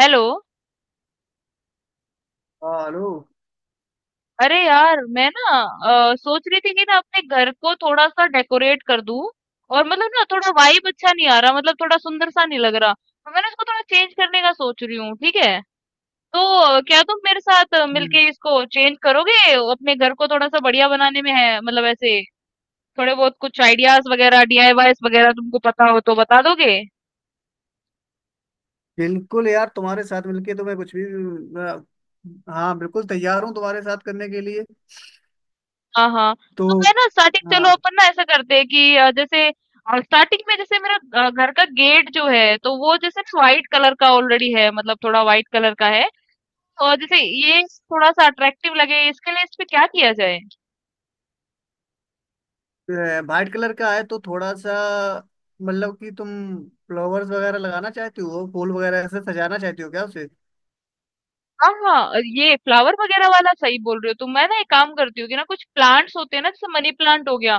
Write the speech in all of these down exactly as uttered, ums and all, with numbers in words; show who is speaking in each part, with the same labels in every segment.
Speaker 1: Hello.
Speaker 2: हाँ, hello.
Speaker 1: अरे यार मैं ना अ, सोच रही थी कि ना अपने घर को थोड़ा सा डेकोरेट कर दूं। और मतलब ना थोड़ा वाइब अच्छा नहीं आ रहा, मतलब थोड़ा सुंदर सा नहीं लग रहा, तो मैंने इसको थोड़ा चेंज करने का सोच रही हूँ, ठीक है? तो अ, क्या तुम मेरे साथ अ,
Speaker 2: हम्म,
Speaker 1: मिलके इसको चेंज करोगे अपने घर को थोड़ा सा बढ़िया बनाने में? है मतलब ऐसे थोड़े बहुत कुछ आइडियाज वगैरह डी आई वाई स वगैरह तुमको पता हो तो बता दोगे।
Speaker 2: बिल्कुल यार तुम्हारे साथ मिलके तो मैं कुछ भी अ, हाँ बिल्कुल तैयार हूँ तुम्हारे साथ करने के लिए।
Speaker 1: हाँ, हाँ।
Speaker 2: तो
Speaker 1: तो मैं ना स्टार्टिंग, चलो
Speaker 2: हाँ,
Speaker 1: अपन ना ऐसा करते हैं कि अ, जैसे अ, स्टार्टिंग में जैसे मेरा अ, घर का गेट जो है तो वो जैसे ना व्हाइट कलर का ऑलरेडी है, मतलब थोड़ा व्हाइट कलर का है। और जैसे ये थोड़ा सा अट्रैक्टिव लगे इसके लिए इस पे क्या किया जाए?
Speaker 2: वाइट कलर का है तो थोड़ा सा मतलब कि तुम फ्लावर्स वगैरह लगाना चाहती हो, फूल वगैरह ऐसे सजाना चाहती हो क्या उसे?
Speaker 1: हाँ, हाँ, ये फ्लावर वगैरह वाला सही बोल रहे हो तुम। मैं ना एक काम करती हूँ कि ना कुछ प्लांट्स होते हैं ना जैसे मनी प्लांट हो गया,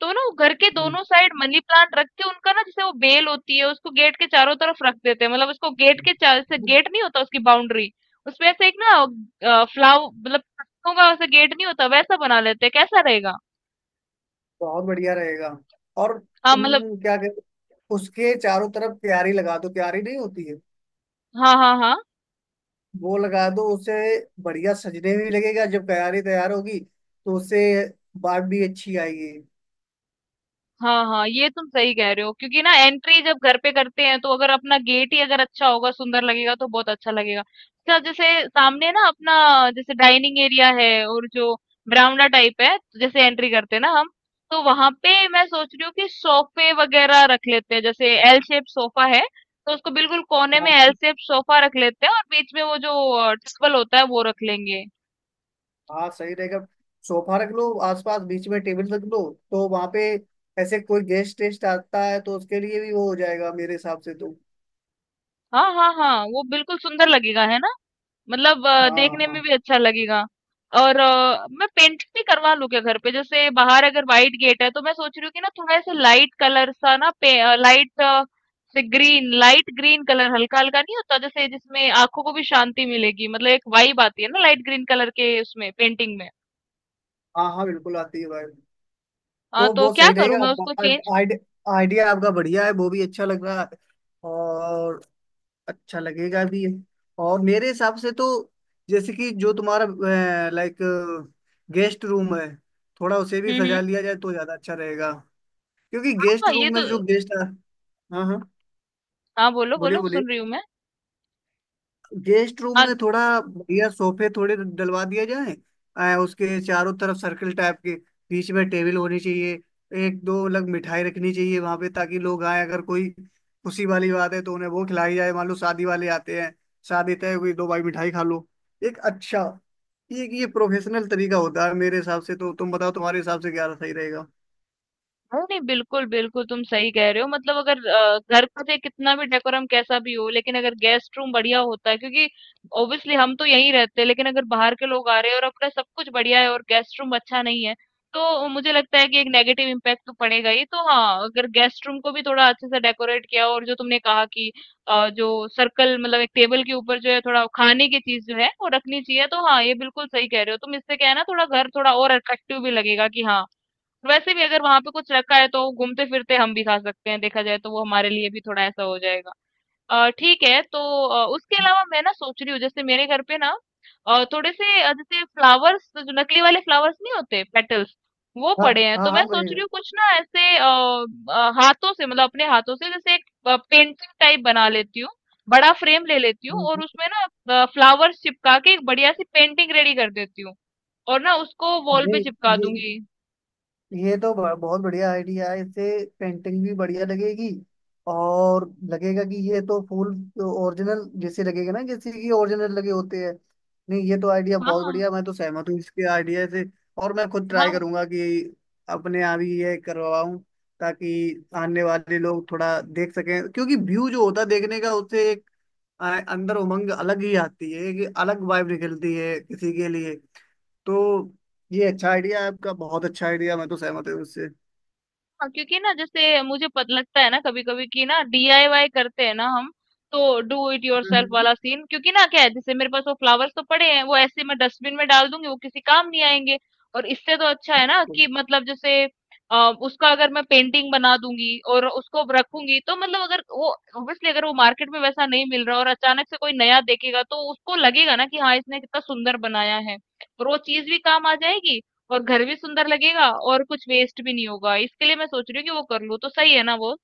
Speaker 1: तो ना वो घर के
Speaker 2: हम्म,
Speaker 1: दोनों साइड मनी प्लांट रख के उनका, ना जैसे वो बेल होती है उसको गेट के चारों तरफ रख देते हैं, मतलब उसको गेट के चार जैसे
Speaker 2: हम्म।
Speaker 1: गेट नहीं होता उसकी बाउंड्री, उसमें ऐसे एक ना फ्लावर मतलब पत्तों का, वैसे गेट नहीं होता वैसा बना लेते हैं, कैसा रहेगा?
Speaker 2: बहुत बढ़िया रहेगा। और
Speaker 1: हाँ
Speaker 2: तुम
Speaker 1: मतलब,
Speaker 2: क्या कहते, उसके चारों तरफ क्यारी लगा दो, क्यारी नहीं होती है,
Speaker 1: हाँ हाँ हाँ,
Speaker 2: वो लगा दो उसे। बढ़िया सजने भी लगेगा जब तैयारी तैयार होगी तो उससे बात भी अच्छी आएगी।
Speaker 1: हाँ हाँ ये तुम सही कह रहे हो क्योंकि ना एंट्री जब घर पे करते हैं तो अगर अपना गेट ही अगर अच्छा होगा, सुंदर लगेगा, तो बहुत अच्छा लगेगा। अच्छा जैसे सामने ना अपना जैसे डाइनिंग एरिया है और जो बरामदा टाइप है, तो जैसे एंट्री करते हैं ना हम, तो वहां पे मैं सोच रही हूँ कि सोफे वगैरह रख लेते हैं, जैसे एल शेप सोफा है तो उसको बिल्कुल कोने में एल
Speaker 2: हाँ
Speaker 1: शेप सोफा रख लेते हैं और बीच में वो जो टेबल होता है वो रख लेंगे।
Speaker 2: हाँ, सही रहेगा। सोफा रख लो आसपास, बीच में टेबल रख लो। तो वहां पे ऐसे कोई गेस्ट टेस्ट आता है तो उसके लिए भी वो हो जाएगा मेरे हिसाब से तो।
Speaker 1: हाँ हाँ हाँ, वो बिल्कुल सुंदर लगेगा, है ना? मतलब अ,
Speaker 2: हाँ
Speaker 1: देखने में
Speaker 2: हाँ।
Speaker 1: भी अच्छा लगेगा। और अ, मैं पेंट भी करवा लूं क्या घर पे? जैसे बाहर अगर वाइट गेट है तो मैं सोच रही हूँ कि ना थोड़ा ऐसे लाइट कलर सा ना पे, लाइट से ग्रीन, लाइट ग्रीन कलर हल्का हल्का नहीं होता जैसे, जिसमें आंखों को भी शांति मिलेगी, मतलब एक वाइब आती है ना लाइट ग्रीन कलर के उसमें, पेंटिंग में।
Speaker 2: हाँ हाँ, बिल्कुल आती है भाई।
Speaker 1: हाँ
Speaker 2: तो
Speaker 1: तो
Speaker 2: वो
Speaker 1: क्या
Speaker 2: सही
Speaker 1: करूं
Speaker 2: रहेगा,
Speaker 1: मैं उसको चेंज?
Speaker 2: आइडिया आपका बढ़िया है, वो भी अच्छा लग रहा है। और अच्छा लगेगा भी। और मेरे हिसाब से तो जैसे कि जो तुम्हारा लाइक गेस्ट रूम है, थोड़ा उसे भी
Speaker 1: हम्म हम्म
Speaker 2: सजा लिया जाए तो ज्यादा अच्छा रहेगा। क्योंकि गेस्ट
Speaker 1: हाँ ये
Speaker 2: रूम
Speaker 1: तो,
Speaker 2: में जो गेस्ट, हाँ हाँ,
Speaker 1: हाँ बोलो
Speaker 2: बोलिए
Speaker 1: बोलो
Speaker 2: बोलिए।
Speaker 1: सुन रही हूँ मैं।
Speaker 2: गेस्ट रूम में थोड़ा बढ़िया सोफे थोड़े डलवा दिया जाए, आ, उसके चारों तरफ सर्कल टाइप के। बीच में टेबल होनी चाहिए। एक दो अलग मिठाई रखनी चाहिए वहां पे, ताकि लोग आए अगर कोई खुशी वाली बात है तो उन्हें वो खिलाई जाए। मान लो शादी वाले आते हैं, शादी तय हुई, दो भाई मिठाई खा लो, एक अच्छा। ये ये प्रोफेशनल तरीका होता है मेरे हिसाब से तो, तुम बताओ तुम्हारे हिसाब से क्या सही रहेगा।
Speaker 1: नहीं, नहीं, बिल्कुल, बिल्कुल तुम सही कह रहे हो। मतलब अगर अ, घर का चाहे कितना भी डेकोरम कैसा भी हो, लेकिन अगर गेस्ट रूम बढ़िया होता है, क्योंकि ऑब्वियसली हम तो यहीं रहते हैं, लेकिन अगर बाहर के लोग आ रहे हैं और अपना सब कुछ बढ़िया है और गेस्ट रूम अच्छा नहीं है, तो मुझे लगता है कि एक नेगेटिव इम्पैक्ट तो पड़ेगा ही। तो हाँ, अगर गेस्ट रूम को भी थोड़ा अच्छे से डेकोरेट किया, और जो तुमने कहा कि अ, जो सर्कल, मतलब एक टेबल के ऊपर जो है थोड़ा खाने की चीज जो है वो रखनी चाहिए, तो हाँ ये बिल्कुल सही कह रहे हो तुम। इससे क्या है ना, थोड़ा घर थोड़ा और अट्रैक्टिव भी लगेगा कि हाँ, वैसे भी अगर वहां पे कुछ रखा है तो घूमते फिरते हम भी खा सकते हैं, देखा जाए तो वो हमारे लिए भी थोड़ा ऐसा हो जाएगा। अ, ठीक है तो अ, उसके अलावा मैं ना सोच रही हूँ जैसे मेरे घर पे ना अ, थोड़े से अ, जैसे फ्लावर्स, जो नकली वाले फ्लावर्स नहीं होते, पेटल्स वो
Speaker 2: हाँ
Speaker 1: पड़े हैं,
Speaker 2: हाँ
Speaker 1: तो मैं
Speaker 2: हाँ भाई।
Speaker 1: सोच रही हूँ कुछ ना ऐसे, अ, अ, हाथों से मतलब अपने हाथों से जैसे एक पेंटिंग टाइप बना लेती हूँ, बड़ा फ्रेम ले लेती हूँ और
Speaker 2: हम्म,
Speaker 1: उसमें ना फ्लावर्स चिपका के एक बढ़िया सी पेंटिंग रेडी कर देती हूँ और ना उसको वॉल पे
Speaker 2: नहीं
Speaker 1: चिपका
Speaker 2: ये
Speaker 1: दूंगी।
Speaker 2: ये तो ब- बहुत बढ़िया आइडिया है, इससे पेंटिंग भी बढ़िया लगेगी। और लगेगा कि ये तो फूल, तो ओरिजिनल जैसे लगेगा ना जैसे कि ओरिजिनल लगे होते हैं। नहीं ये तो आइडिया
Speaker 1: हाँ
Speaker 2: बहुत
Speaker 1: हाँ
Speaker 2: बढ़िया, मैं तो सहमत हूँ इसके आइडिया से। और मैं खुद ट्राई
Speaker 1: हाँ,
Speaker 2: करूंगा कि अपने यहाँ भी ये करवाऊं, ताकि आने वाले लोग थोड़ा देख सकें। क्योंकि व्यू जो होता है देखने का उससे एक आ, अंदर उमंग अलग ही आती है, एक अलग वाइब निकलती है किसी के लिए। तो ये अच्छा आइडिया है आपका, बहुत अच्छा आइडिया, मैं तो सहमत हूँ उससे।
Speaker 1: हाँ, क्योंकि ना जैसे मुझे पत लगता है ना कभी कभी कि ना डी आई वाई करते हैं ना हम, तो डू इट योरसेल्फ
Speaker 2: हम्म।
Speaker 1: वाला सीन, क्योंकि ना क्या है जैसे मेरे पास वो फ्लावर्स तो पड़े हैं, वो ऐसे मैं डस्टबिन में डाल दूंगी वो किसी काम नहीं आएंगे, और इससे तो अच्छा है ना कि मतलब जैसे अ, उसका अगर मैं पेंटिंग बना दूंगी और उसको रखूंगी, तो मतलब अगर वो, ऑब्वियसली अगर वो मार्केट में वैसा नहीं मिल रहा और अचानक से कोई नया देखेगा तो उसको लगेगा ना कि हाँ इसने कितना सुंदर बनाया है, और वो चीज भी काम आ जाएगी, और घर भी सुंदर लगेगा और कुछ वेस्ट भी नहीं होगा। इसके लिए मैं सोच रही हूँ कि वो कर लूँ, तो सही है ना वो?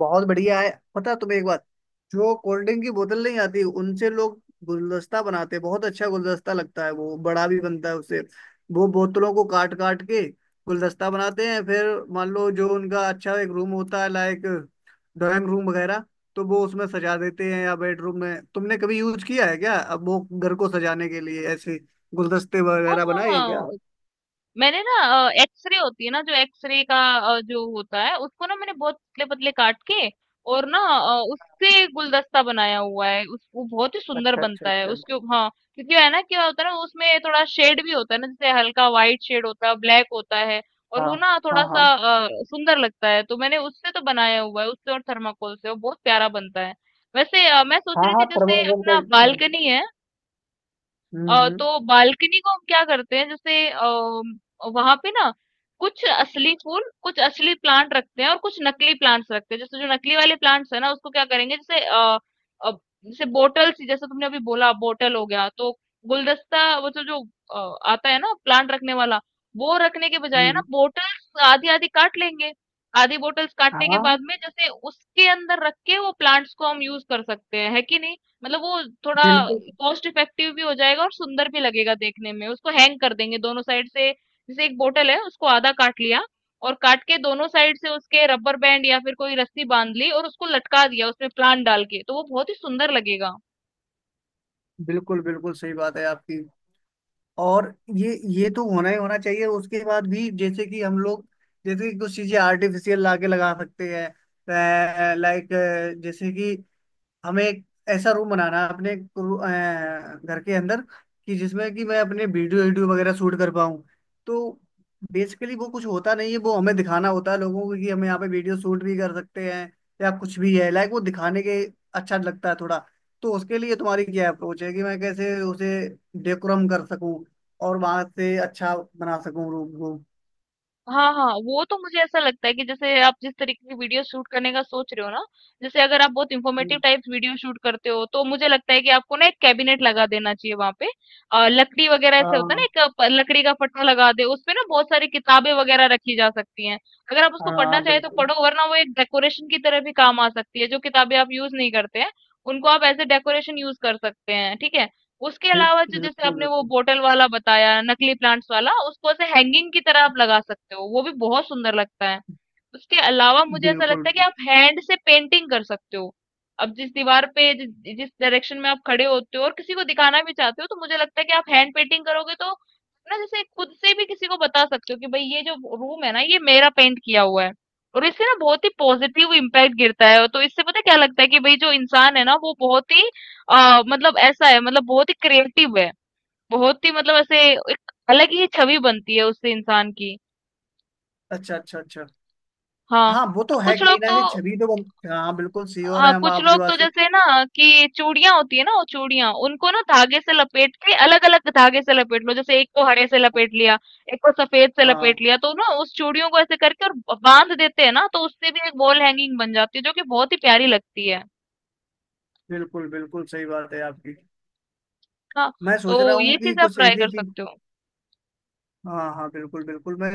Speaker 2: बहुत बढ़िया है, पता है तुम्हें एक बात, जो कोल्ड ड्रिंक की बोतल नहीं आती, उनसे लोग गुलदस्ता बनाते हैं। बहुत अच्छा गुलदस्ता लगता है, वो बड़ा भी बनता है उससे। वो बोतलों को काट काट के गुलदस्ता बनाते हैं। फिर मान लो जो उनका अच्छा एक रूम होता है लाइक ड्राइंग रूम वगैरह, तो वो उसमें सजा देते हैं या बेडरूम में। तुमने कभी यूज किया है क्या अब वो घर को सजाने के लिए ऐसे गुलदस्ते
Speaker 1: हाँ
Speaker 2: वगैरह
Speaker 1: हाँ
Speaker 2: बनाए हैं
Speaker 1: हाँ,
Speaker 2: क्या?
Speaker 1: मैंने ना अ, एक्स रे होती है ना, जो एक्स रे का अ, जो होता है उसको ना मैंने बहुत पतले पतले काट के और ना अ, उससे गुलदस्ता बनाया हुआ है, उस वो बहुत ही सुंदर
Speaker 2: अच्छा अच्छा
Speaker 1: बनता है
Speaker 2: अच्छा।
Speaker 1: उसके उप- हाँ, क्योंकि है ना क्या होता है ना उसमें थोड़ा शेड भी होता है ना, जैसे हल्का व्हाइट शेड होता है, ब्लैक होता है, और
Speaker 2: हाँ
Speaker 1: वो ना
Speaker 2: हाँ
Speaker 1: थोड़ा सा
Speaker 2: हाँ।
Speaker 1: अ, सुंदर लगता है। तो मैंने उससे तो बनाया हुआ है उससे, और थर्माकोल से वो बहुत प्यारा बनता है। वैसे अ, मैं सोच
Speaker 2: हाँ
Speaker 1: रही
Speaker 2: हाँ,
Speaker 1: थी जैसे
Speaker 2: थर्माकोल का।
Speaker 1: अपना बालकनी है,
Speaker 2: हम्म
Speaker 1: अ,
Speaker 2: हम्म।
Speaker 1: तो बालकनी को हम क्या करते हैं जैसे आ, वहां पे ना कुछ असली फूल कुछ असली प्लांट रखते हैं और कुछ नकली प्लांट्स रखते हैं, जैसे जो नकली वाले प्लांट्स है ना उसको क्या करेंगे, जैसे अ, अ, जैसे बोटल सी, जैसे तुमने अभी बोला बोटल हो गया, तो गुलदस्ता, वो जो जो अ, आता है ना प्लांट रखने वाला, वो रखने के बजाय है ना
Speaker 2: हम्म,
Speaker 1: बोटल्स आधी आधी काट लेंगे, आधी बोटल्स काटने के
Speaker 2: हाँ
Speaker 1: बाद में जैसे उसके अंदर रख के वो प्लांट्स को हम यूज कर सकते हैं, है कि नहीं? मतलब वो थोड़ा
Speaker 2: बिल्कुल।
Speaker 1: कॉस्ट इफेक्टिव भी हो जाएगा और सुंदर भी लगेगा देखने में। उसको हैंग कर देंगे दोनों साइड से, जैसे एक बोतल है उसको आधा काट लिया और काट के दोनों साइड से उसके रबर बैंड या फिर कोई रस्सी बांध ली और उसको लटका दिया उसमें प्लांट डाल के, तो वो बहुत ही सुंदर लगेगा।
Speaker 2: बिल्कुल बिल्कुल सही बात है आपकी। और ये ये तो होना ही होना चाहिए। उसके बाद भी जैसे कि हम लोग, जैसे कि कुछ चीजें आर्टिफिशियल लाके लगा सकते हैं लाइक, जैसे कि हमें एक ऐसा रूम बनाना है अपने रू- अ, घर के अंदर, कि जिसमें कि मैं अपने वीडियो वीडियो वगैरह शूट कर पाऊँ। तो बेसिकली वो कुछ होता नहीं है, वो हमें दिखाना होता है लोगों को कि हम यहाँ पे वीडियो शूट भी कर सकते हैं या कुछ भी है लाइक, वो दिखाने के अच्छा लगता है थोड़ा। तो उसके लिए तुम्हारी क्या अप्रोच है कि मैं कैसे उसे डेकोरम कर सकूं और वहां से अच्छा बना सकूं रूम को।
Speaker 1: हाँ हाँ, वो तो मुझे ऐसा लगता है कि जैसे आप जिस तरीके की वीडियो शूट करने का सोच रहे हो ना, जैसे अगर आप बहुत इंफॉर्मेटिव
Speaker 2: हम्म,
Speaker 1: टाइप वीडियो शूट करते हो तो मुझे लगता है कि आपको ना एक कैबिनेट लगा देना चाहिए वहां पे, अ, लकड़ी वगैरह ऐसे होता है
Speaker 2: हाँ
Speaker 1: ना, एक प- लकड़ी का पट्टा लगा दे, उसपे ना बहुत सारी किताबें वगैरह रखी जा सकती हैं। अगर आप उसको पढ़ना
Speaker 2: हाँ,
Speaker 1: चाहे तो
Speaker 2: बिल्कुल
Speaker 1: पढ़ो, वरना वो एक डेकोरेशन की तरह भी काम आ सकती है। जो किताबें आप यूज नहीं करते हैं उनको आप एज ए डेकोरेशन यूज कर सकते हैं, ठीक है? उसके अलावा जो
Speaker 2: बिल्कुल।
Speaker 1: जैसे आपने वो
Speaker 2: बिल्कुल
Speaker 1: बोटल वाला बताया नकली प्लांट्स वाला, उसको ऐसे हैंगिंग की तरह आप लगा सकते हो, वो भी बहुत सुंदर लगता है। उसके अलावा मुझे ऐसा
Speaker 2: बिल्कुल
Speaker 1: लगता है कि
Speaker 2: बिल्कुल।
Speaker 1: आप हैंड से पेंटिंग कर सकते हो। अब जिस दीवार पे, जिस जिस डायरेक्शन में आप खड़े होते हो और किसी को दिखाना भी चाहते हो, तो मुझे लगता है कि आप हैंड पेंटिंग करोगे तो ना, जैसे खुद से भी किसी को बता सकते हो कि भाई ये जो रूम है ना ये मेरा पेंट किया हुआ है, और इससे ना बहुत ही पॉजिटिव इम्पैक्ट गिरता है। तो इससे पता है क्या लगता है कि भाई जो इंसान है ना वो बहुत ही आ, मतलब ऐसा है, मतलब बहुत ही क्रिएटिव है, बहुत ही, मतलब ऐसे एक अलग ही छवि बनती है उससे इंसान की।
Speaker 2: अच्छा अच्छा अच्छा।
Speaker 1: हाँ
Speaker 2: हाँ वो तो है,
Speaker 1: कुछ लोग
Speaker 2: कहीं ना
Speaker 1: तो,
Speaker 2: कहीं छवि तो बन- हाँ बिल्कुल, श्योर
Speaker 1: हाँ
Speaker 2: है हम
Speaker 1: कुछ
Speaker 2: आपकी
Speaker 1: लोग
Speaker 2: बात
Speaker 1: तो
Speaker 2: से।
Speaker 1: जैसे ना, कि चूड़ियां होती है ना, वो चूड़ियां उनको ना धागे से लपेट के, अलग अलग धागे से लपेट लो, जैसे एक को हरे से लपेट लिया, एक को सफेद से
Speaker 2: हाँ
Speaker 1: लपेट लिया, तो ना उस चूड़ियों को ऐसे करके और बांध देते हैं ना, तो उससे भी एक वॉल हैंगिंग बन जाती है जो कि बहुत ही प्यारी लगती है।
Speaker 2: बिल्कुल, बिल्कुल सही बात है आपकी।
Speaker 1: हाँ,
Speaker 2: मैं
Speaker 1: तो
Speaker 2: सोच रहा हूँ
Speaker 1: ये
Speaker 2: कि
Speaker 1: चीज आप
Speaker 2: कुछ
Speaker 1: ट्राई
Speaker 2: ऐसी
Speaker 1: कर
Speaker 2: चीज,
Speaker 1: सकते हो।
Speaker 2: हाँ हाँ बिल्कुल बिल्कुल, मैं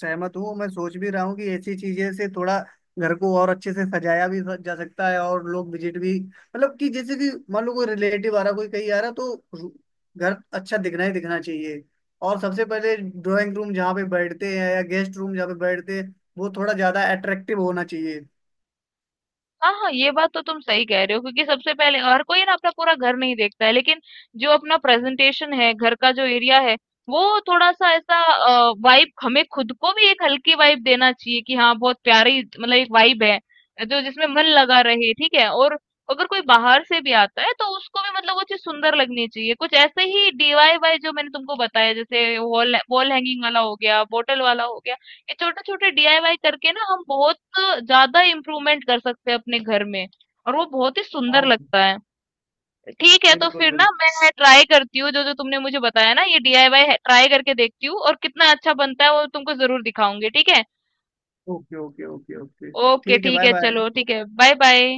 Speaker 2: सहमत हूँ। मैं सोच भी रहा हूँ कि ऐसी चीजें से थोड़ा घर को और अच्छे से सजाया भी जा सकता है, और लोग विजिट भी मतलब, कि जैसे कि मान लो कोई रिलेटिव आ रहा, कोई कहीं आ रहा तो रू- घर अच्छा दिखना ही दिखना चाहिए। और सबसे पहले ड्राइंग रूम जहाँ पे बैठते हैं या गेस्ट रूम जहाँ पे बैठते हैं, वो थोड़ा ज्यादा अट्रैक्टिव होना चाहिए।
Speaker 1: हाँ, हाँ, ये बात तो तुम सही कह रहे हो, क्योंकि सबसे पहले हर कोई ना अपना पूरा घर नहीं देखता है, लेकिन जो अपना प्रेजेंटेशन है, घर का जो एरिया है, वो थोड़ा-सा ऐसा अ, वाइब, हमें खुद को भी एक हल्की वाइब देना चाहिए कि हाँ, बहुत प्यारी, मतलब एक वाइब है, जो जिसमें मन लगा रहे, ठीक है? और अगर कोई बाहर से भी आता है तो उसको भी मतलब वो चीज़ सुंदर लगनी चाहिए। कुछ ऐसे ही डी आई वाई जो मैंने तुमको बताया, जैसे वॉल, वॉल हैंगिंग वाला हो गया, बॉटल वाला हो गया। ये छोटे-छोटे डी आई वाई करके ना हम बहुत ज्यादा इम्प्रूवमेंट कर सकते हैं अपने घर में, और वो बहुत ही सुंदर
Speaker 2: हाँ
Speaker 1: लगता है। ठीक है, तो
Speaker 2: बिल्कुल
Speaker 1: फिर ना
Speaker 2: बिल्कुल।
Speaker 1: मैं ट्राई करती हूँ जो जो तुमने मुझे बताया ना, ये डी आई वाई ट्राई करके देखती हूँ, और कितना अच्छा बनता है वो तुमको जरूर दिखाऊंगी, ठीक है?
Speaker 2: Okay okay okay okay.
Speaker 1: Okay
Speaker 2: ठीक है,
Speaker 1: ठीक
Speaker 2: बाय
Speaker 1: है,
Speaker 2: बाय।
Speaker 1: चलो ठीक है, बाय बाय।